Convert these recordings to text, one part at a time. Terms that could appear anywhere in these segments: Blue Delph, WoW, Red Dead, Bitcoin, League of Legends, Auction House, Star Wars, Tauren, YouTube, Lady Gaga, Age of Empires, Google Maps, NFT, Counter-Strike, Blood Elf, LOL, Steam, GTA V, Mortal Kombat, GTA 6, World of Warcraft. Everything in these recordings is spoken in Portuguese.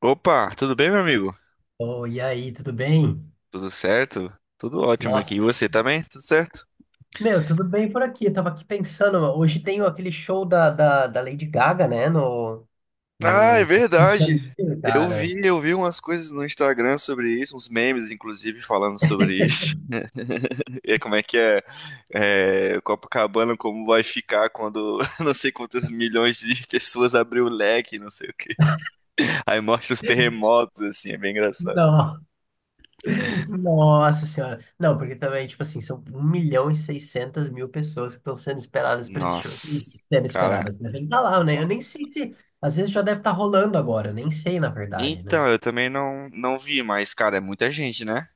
Opa, tudo bem, meu amigo? Oi, e aí, tudo bem? Tudo certo? Tudo ótimo aqui. E Nossa, você também? Tudo certo? meu, tudo bem por aqui. Eu tava aqui pensando, hoje tem aquele show da Lady Gaga, né? No, Ah, é no Rio de verdade. Janeiro, Eu cara. vi, eu vi umas coisas no Instagram sobre isso, uns memes, inclusive, falando sobre isso. E como é que é, Copacabana, como vai ficar quando não sei quantas milhões de pessoas abrir o leque, não sei o quê. Aí mostra os terremotos, assim, é bem engraçado. Não, nossa senhora. Não, porque também, tipo assim, são 1.600.000 pessoas que estão sendo esperadas para esse show. Nossa, Assim, sendo cara. esperadas, né? Tem que tá lá, né? Eu nem sei se. Às vezes já deve estar rolando agora, nem sei, na verdade, né? Então, eu também não vi, mas, cara, é muita gente, né?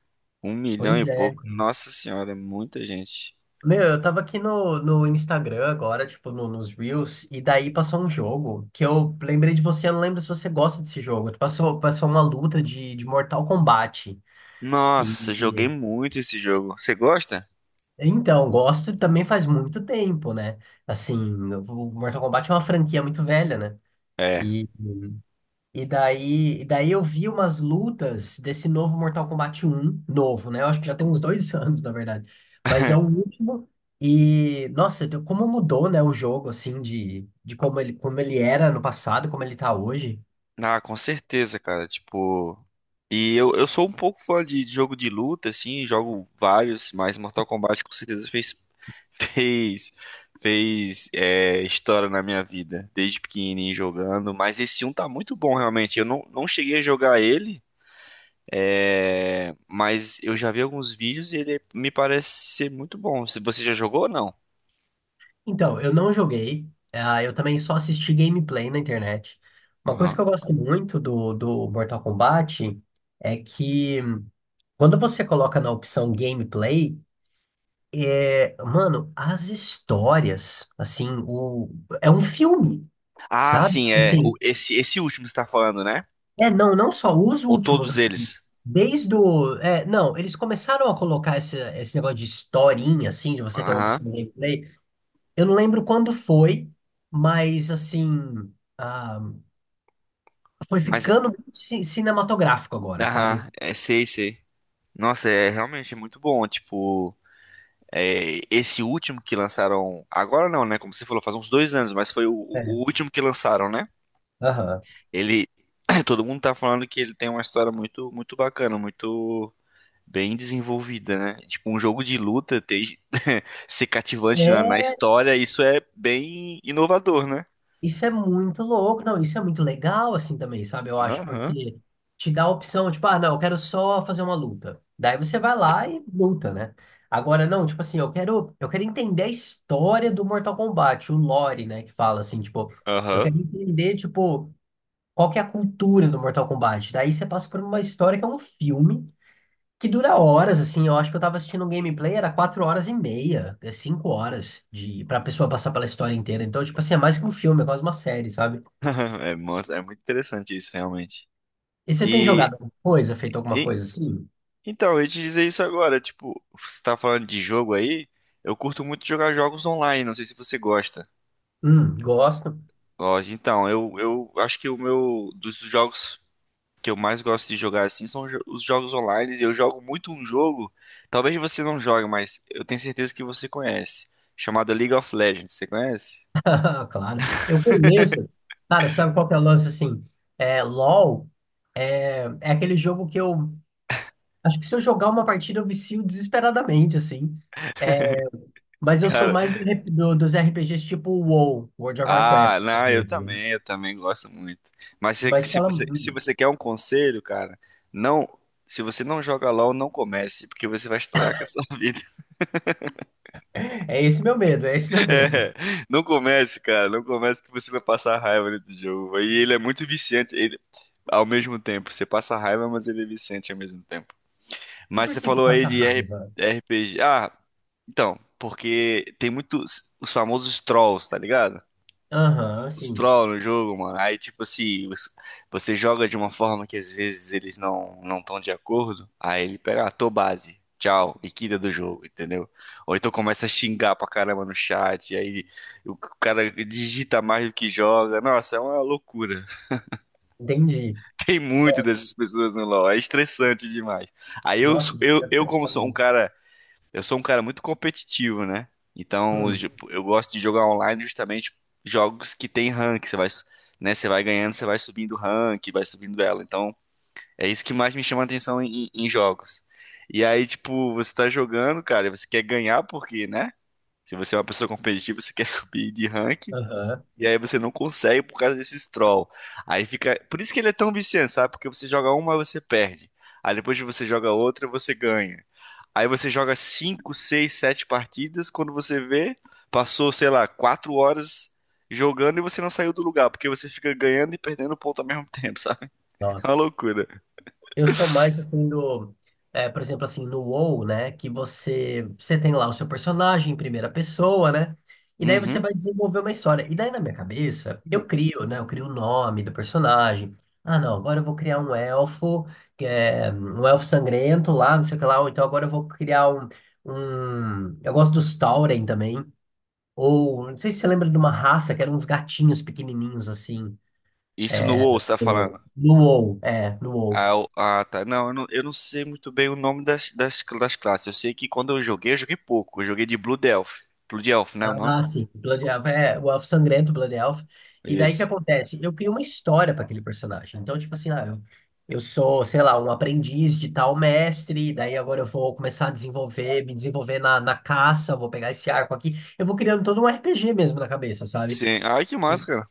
Um milhão e Pois é. pouco. Nossa senhora, é muita gente. Meu, eu tava aqui no Instagram agora, tipo, nos Reels, e daí passou um jogo que eu lembrei de você, eu não lembro se você gosta desse jogo. Passou uma luta de Mortal Kombat. E, Nossa, joguei e- muito esse jogo. Você gosta? então, gosto também faz muito tempo, né? Assim, o Mortal Kombat é uma franquia muito velha, né? É. E e daí, eu vi umas lutas desse novo Mortal Kombat um novo, né? Eu acho que já tem uns dois anos, na verdade. Mas é o último. E, nossa, como mudou, né, o jogo, assim, de como ele era no passado, como ele tá hoje. Ah, com certeza, cara. Tipo. E eu sou um pouco fã de jogo de luta, assim, jogo vários, mas Mortal Kombat com certeza fez. Fez. Fez é, história na minha vida, desde pequenininho jogando. Mas esse um tá muito bom, realmente. Eu não cheguei a jogar ele. É, mas eu já vi alguns vídeos e ele me parece ser muito bom. Se você já jogou ou não? Então, eu não joguei. Eu também só assisti gameplay na internet. Uma coisa Aham. que eu gosto muito do Mortal Kombat é que quando você coloca na opção gameplay, mano, as histórias, assim, é um filme, Ah, sabe? sim, é. O- Assim, Esse, esse último que você tá falando, né? é, não, não só os Ou últimos, todos assim, eles? É, não, eles começaram a colocar esse negócio de historinha, assim, de você ter uma Aham. pessoa de gameplay. Eu não lembro quando foi, mas, assim, ah, foi Mas, ficando cinematográfico agora, sabe? aham, é, sei, sei. Nossa, realmente é muito bom. Tipo, esse último que lançaram. Agora não, né? Como você falou, faz uns 2 anos, mas foi o, É, o último que lançaram, né? aham. Ele. Todo mundo tá falando que ele tem uma história muito, muito bacana, muito. Bem desenvolvida, né? Tipo, um jogo de luta ter, ser cativante na É, história, isso é bem inovador, né? isso é muito louco, não, isso é muito legal assim também, sabe? Eu acho, Aham, porque te dá a opção, tipo, ah, não, eu quero só fazer uma luta. Daí você vai lá e luta, né? Agora, não, tipo assim, eu quero entender a história do Mortal Kombat, o lore, né, que fala assim, tipo, eu aham. quero entender, tipo, qual que é a cultura do Mortal Kombat. Daí você passa por uma história que é um filme que dura horas, assim, eu acho que eu tava assistindo um gameplay, era 4 horas e meia, é 5 horas pra pessoa passar pela história inteira. Então, tipo assim, é mais que um filme, é quase uma série, sabe? É muito interessante isso, realmente. E você tem E, jogado alguma coisa, feito alguma e- coisa assim? então, eu ia te dizer isso agora, tipo, você tá falando de jogo aí, eu curto muito jogar jogos online, não sei se você gosta. Gosto. Gosto. Então, eu acho que o meu, dos jogos que eu mais gosto de jogar assim são os jogos online. E eu jogo muito um jogo, talvez você não jogue, mas eu tenho certeza que você conhece, chamado League of Legends. Você conhece? Ah, claro. Eu conheço. Cara, sabe qual que é o lance assim? É, LOL é aquele jogo que eu. Acho que se eu jogar uma partida, eu vicio desesperadamente, assim. É, mas eu sou Cara, mais dos RPGs tipo WoW, World of Warcraft, ah, por não, eu exemplo, né? também, eu também gosto muito. Mas se, Mas se fala. você, se você quer um conselho, cara, não, se você não joga LoL, não comece, porque você vai estragar com a sua vida. É esse meu medo, é esse meu medo. É, não comece, cara, não comece que você vai passar raiva nesse jogo. E ele é muito viciante, ele, ao mesmo tempo, você passa raiva, mas ele é viciante ao mesmo tempo. E Mas por você que que falou aí passa de raiva? RPG. Ah, então, porque tem muitos os famosos trolls, tá ligado? Aham, Os sim. trolls no jogo, mano. Aí, tipo assim, você joga de uma forma que às vezes eles não estão de acordo. Aí ele pega, ah, tô base. Tchau, e quita do jogo, entendeu? Ou então começa a xingar pra caramba no chat, e aí o cara digita mais do que joga. Nossa, é uma loucura. Entendi. Tem muito Nossa, dessas pessoas no LoL, é estressante demais. Aí nossa, você deve eu ter. como sou um cara Eu sou um cara muito competitivo, né? Então, Hum, eu gosto de jogar online justamente jogos que tem rank. Você vai, su- né? Você vai ganhando, você vai subindo rank, vai subindo ela. Então, é isso que mais me chama a atenção em jogos. E aí, tipo, você tá jogando, cara, e você quer ganhar porque, né? Se você é uma pessoa competitiva, você quer subir de rank. aham, E aí você não consegue por causa desses troll. Aí fica. Por isso que ele é tão viciante, sabe? Porque você joga uma, você perde. Aí depois que você joga outra, você ganha. Aí você joga 5, 6, 7 partidas. Quando você vê, passou, sei lá, 4 horas jogando e você não saiu do lugar, porque você fica ganhando e perdendo ponto ao mesmo tempo, sabe? É uma nossa. loucura. Eu sou mais assim por exemplo, assim, no WoW, né? Que você tem lá o seu personagem em primeira pessoa, né? E daí você Uhum. vai desenvolver uma história. E daí na minha cabeça, eu crio, né? Eu crio o nome do personagem. Ah, não, agora eu vou criar um elfo, que é um elfo sangrento lá, não sei o que lá. Ou então agora eu vou criar Eu gosto dos Tauren também. Ou, não sei se você lembra de uma raça que eram uns gatinhos pequenininhos assim. Isso no WoW, você tá No falando? WoW, no WoW. Ah, tá. Não, eu não sei muito bem o nome das classes. Eu sei que quando eu joguei pouco. Eu joguei de Blue Delph. Blue Delph, né, o nome? Ah, sim. Blood Elf é o Elfo Sangrento, Blood Elf. E daí o que Isso. acontece? Eu crio uma história para aquele personagem. Então, tipo assim, eu sou, sei lá, um aprendiz de tal mestre, daí agora eu vou começar a me desenvolver na caça, vou pegar esse arco aqui. Eu vou criando todo um RPG mesmo na cabeça, sabe? Sim. Ai, que massa, cara.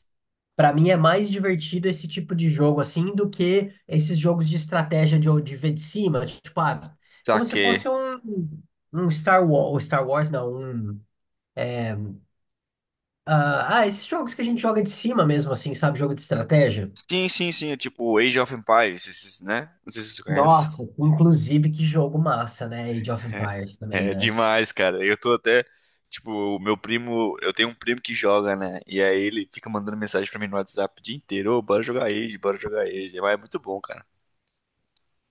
Pra mim é mais divertido esse tipo de jogo assim do que esses jogos de estratégia de ver de cima, tipo, ah, como se Saquei. fosse um Star Wars, Star Wars não, esses jogos que a gente joga de cima mesmo, assim, sabe? Jogo de estratégia. Sim, sim, sim. É tipo Age of Empires, esses, né? Não sei se você conhece. Nossa, inclusive que jogo massa, né? Age of É Empires também, é né? demais, cara. Eu tô até, tipo, o meu primo, eu tenho um primo que joga, né? E aí ele fica mandando mensagem pra mim no WhatsApp o dia inteiro, ô, bora jogar Age, bora jogar Age. É, mas é muito bom, cara.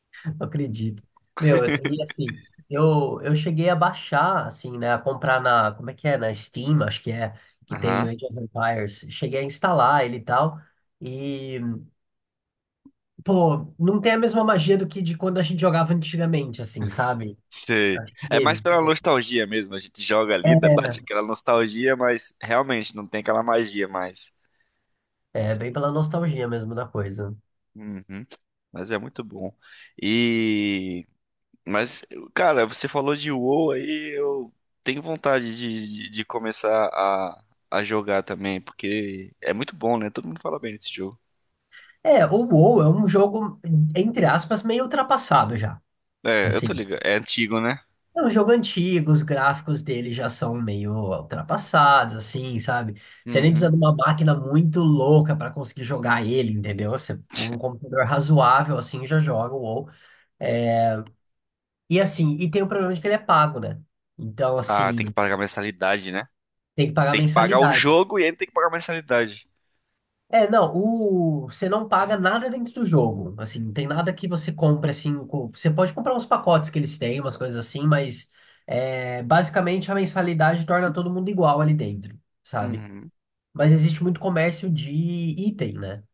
Não acredito. Meu, e assim, eu cheguei a baixar, assim, né? A comprar na, como é que é? Na Steam, acho que é, que tem Aham. o Age of Empires. Cheguei a instalar ele e tal. E, pô, não tem a mesma magia do que de quando a gente jogava antigamente, assim, sabe? Sei. Acho que É mais pela nostalgia mesmo. A gente joga ali, bate é, aquela nostalgia, mas realmente não tem aquela magia mais. é bem pela nostalgia mesmo da coisa. Uhum. Mas é muito bom. E mas, cara, você falou de WoW aí, eu tenho vontade de começar a jogar também, porque é muito bom, né? Todo mundo fala bem desse jogo. É, o WoW é um jogo, entre aspas, meio ultrapassado já. É, eu tô Assim, ligado. É antigo, né? é um jogo antigo, os gráficos dele já são meio ultrapassados, assim, sabe? Você nem precisa Uhum. de uma máquina muito louca para conseguir jogar ele, entendeu? Você, um computador razoável, assim, já joga o WoW. E assim, e tem o problema de que ele é pago, né? Então, Ah, tem que assim, pagar mensalidade, né? tem que pagar Tem que pagar o mensalidade. jogo e ainda tem que pagar mensalidade. É, não, você não paga nada dentro do jogo. Assim, não tem nada que você compre assim. Você pode comprar uns pacotes que eles têm, umas coisas assim, mas basicamente a mensalidade torna todo mundo igual ali dentro, sabe? Uhum. Mas existe muito comércio de item, né?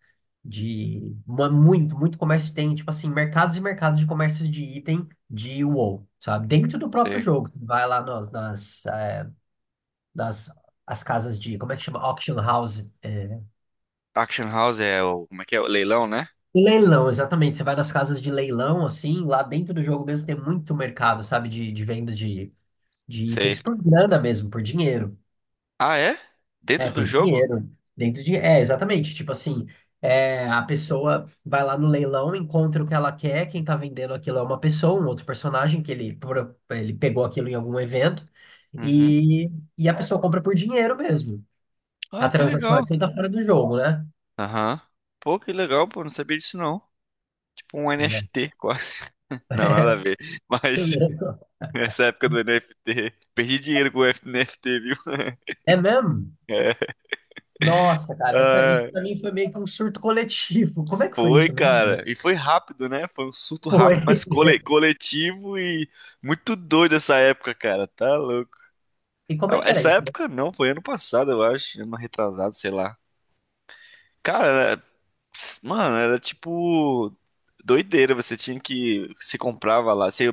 De muito, muito comércio tem, tipo assim, mercados e mercados de comércio de item de WoW, sabe? Dentro do próprio Sei. jogo. Você vai lá nas, nas, eh, nas as casas de, como é que chama? Auction House. Auction House é o. Como é que é? O leilão, né? Leilão, exatamente. Você vai nas casas de leilão, assim, lá dentro do jogo mesmo tem muito mercado, sabe, de venda de Sei. itens por grana mesmo, por dinheiro. Ah, é? É, Dentro do por jogo? dinheiro. Dentro de. É, exatamente. Tipo assim, a pessoa vai lá no leilão, encontra o que ela quer, quem tá vendendo aquilo é uma pessoa, um outro personagem que ele pegou aquilo em algum evento, Uhum. e, e a pessoa compra por dinheiro mesmo. A Ah, que transação é legal. feita fora do jogo, né? Aham. Pô, que legal, pô. Não sabia disso, não. Tipo um NFT, quase. Não, nada É, a ver. Mas nessa época do NFT, perdi dinheiro com o NFT, viu? é mesmo? É. Nossa, cara, isso Ah, pra mim foi meio que um surto coletivo. Como é que foi foi, isso cara. mesmo? E foi rápido, né? Foi um surto Foi. rápido, mas cole- coletivo e muito doido essa época, cara. Tá louco. E como Ah, é que era essa isso mesmo? época não, foi ano passado, eu acho. Ano retrasado, sei lá. Cara, era- mano, era tipo doideira. Você tinha que. Você comprava lá. Você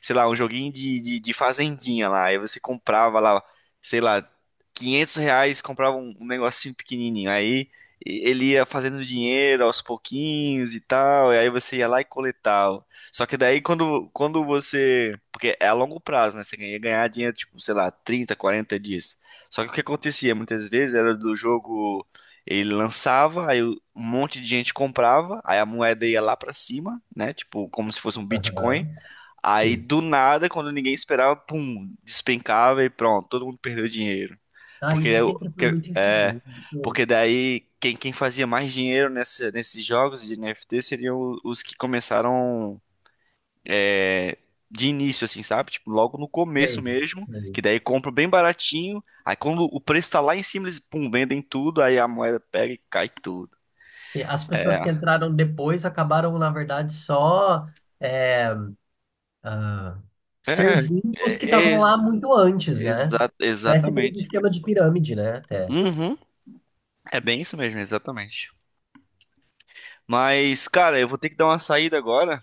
sei lá, um joguinho de fazendinha lá. Aí você comprava lá, sei lá, R$ 500, comprava um negocinho pequenininho. Aí ele ia fazendo dinheiro aos pouquinhos e tal. E aí você ia lá e coletava. Só que daí quando você. Porque é a longo prazo, né? Você ia ganhar dinheiro, tipo, sei lá, 30, 40 dias. Só que o que acontecia muitas vezes era do jogo. Ele lançava, aí um monte de gente comprava, aí a moeda ia lá pra cima, né? Tipo, como se fosse um Bitcoin. Aham, Aí sim. do nada, quando ninguém esperava, pum, despencava e pronto, todo mundo perdeu dinheiro. Ah, Porque isso é, o- sempre foi que- muito é, inseguro. Pô, porque daí quem fazia mais dinheiro nesses jogos de NFT seriam os que começaram é, de início, assim, sabe? Tipo, logo no começo sei, mesmo, que sei. daí compra bem baratinho. Aí quando o preço tá lá em cima, eles, pum, vendem tudo, aí a moeda pega e cai tudo. Sim, as pessoas É, que entraram depois acabaram, na verdade, só é, ah, é, servindo os que é estavam lá ex- muito antes, né? exa- Parece aquele exatamente. esquema de pirâmide, né? Até. Uhum, é bem isso mesmo, exatamente. Mas, cara, eu vou ter que dar uma saída agora.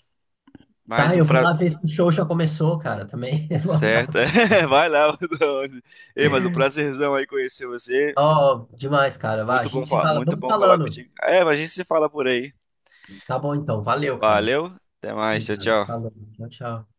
Mais Tá, um eu vou pra... lá ver Beleza. se o show já começou, cara, também. Um Certo. abraço. É, vai lá. Bruno. Ei, mas um prazerzão aí conhecer você. Ó, demais, cara. Vai, a Muito bom, gente se fa- fala. muito Vamos bom falar falando. contigo. É, a gente se fala por aí. Tá bom então, valeu, cara. Valeu. Até mais. Tchau, Obrigado. tchau. Falou. Tchau, tchau.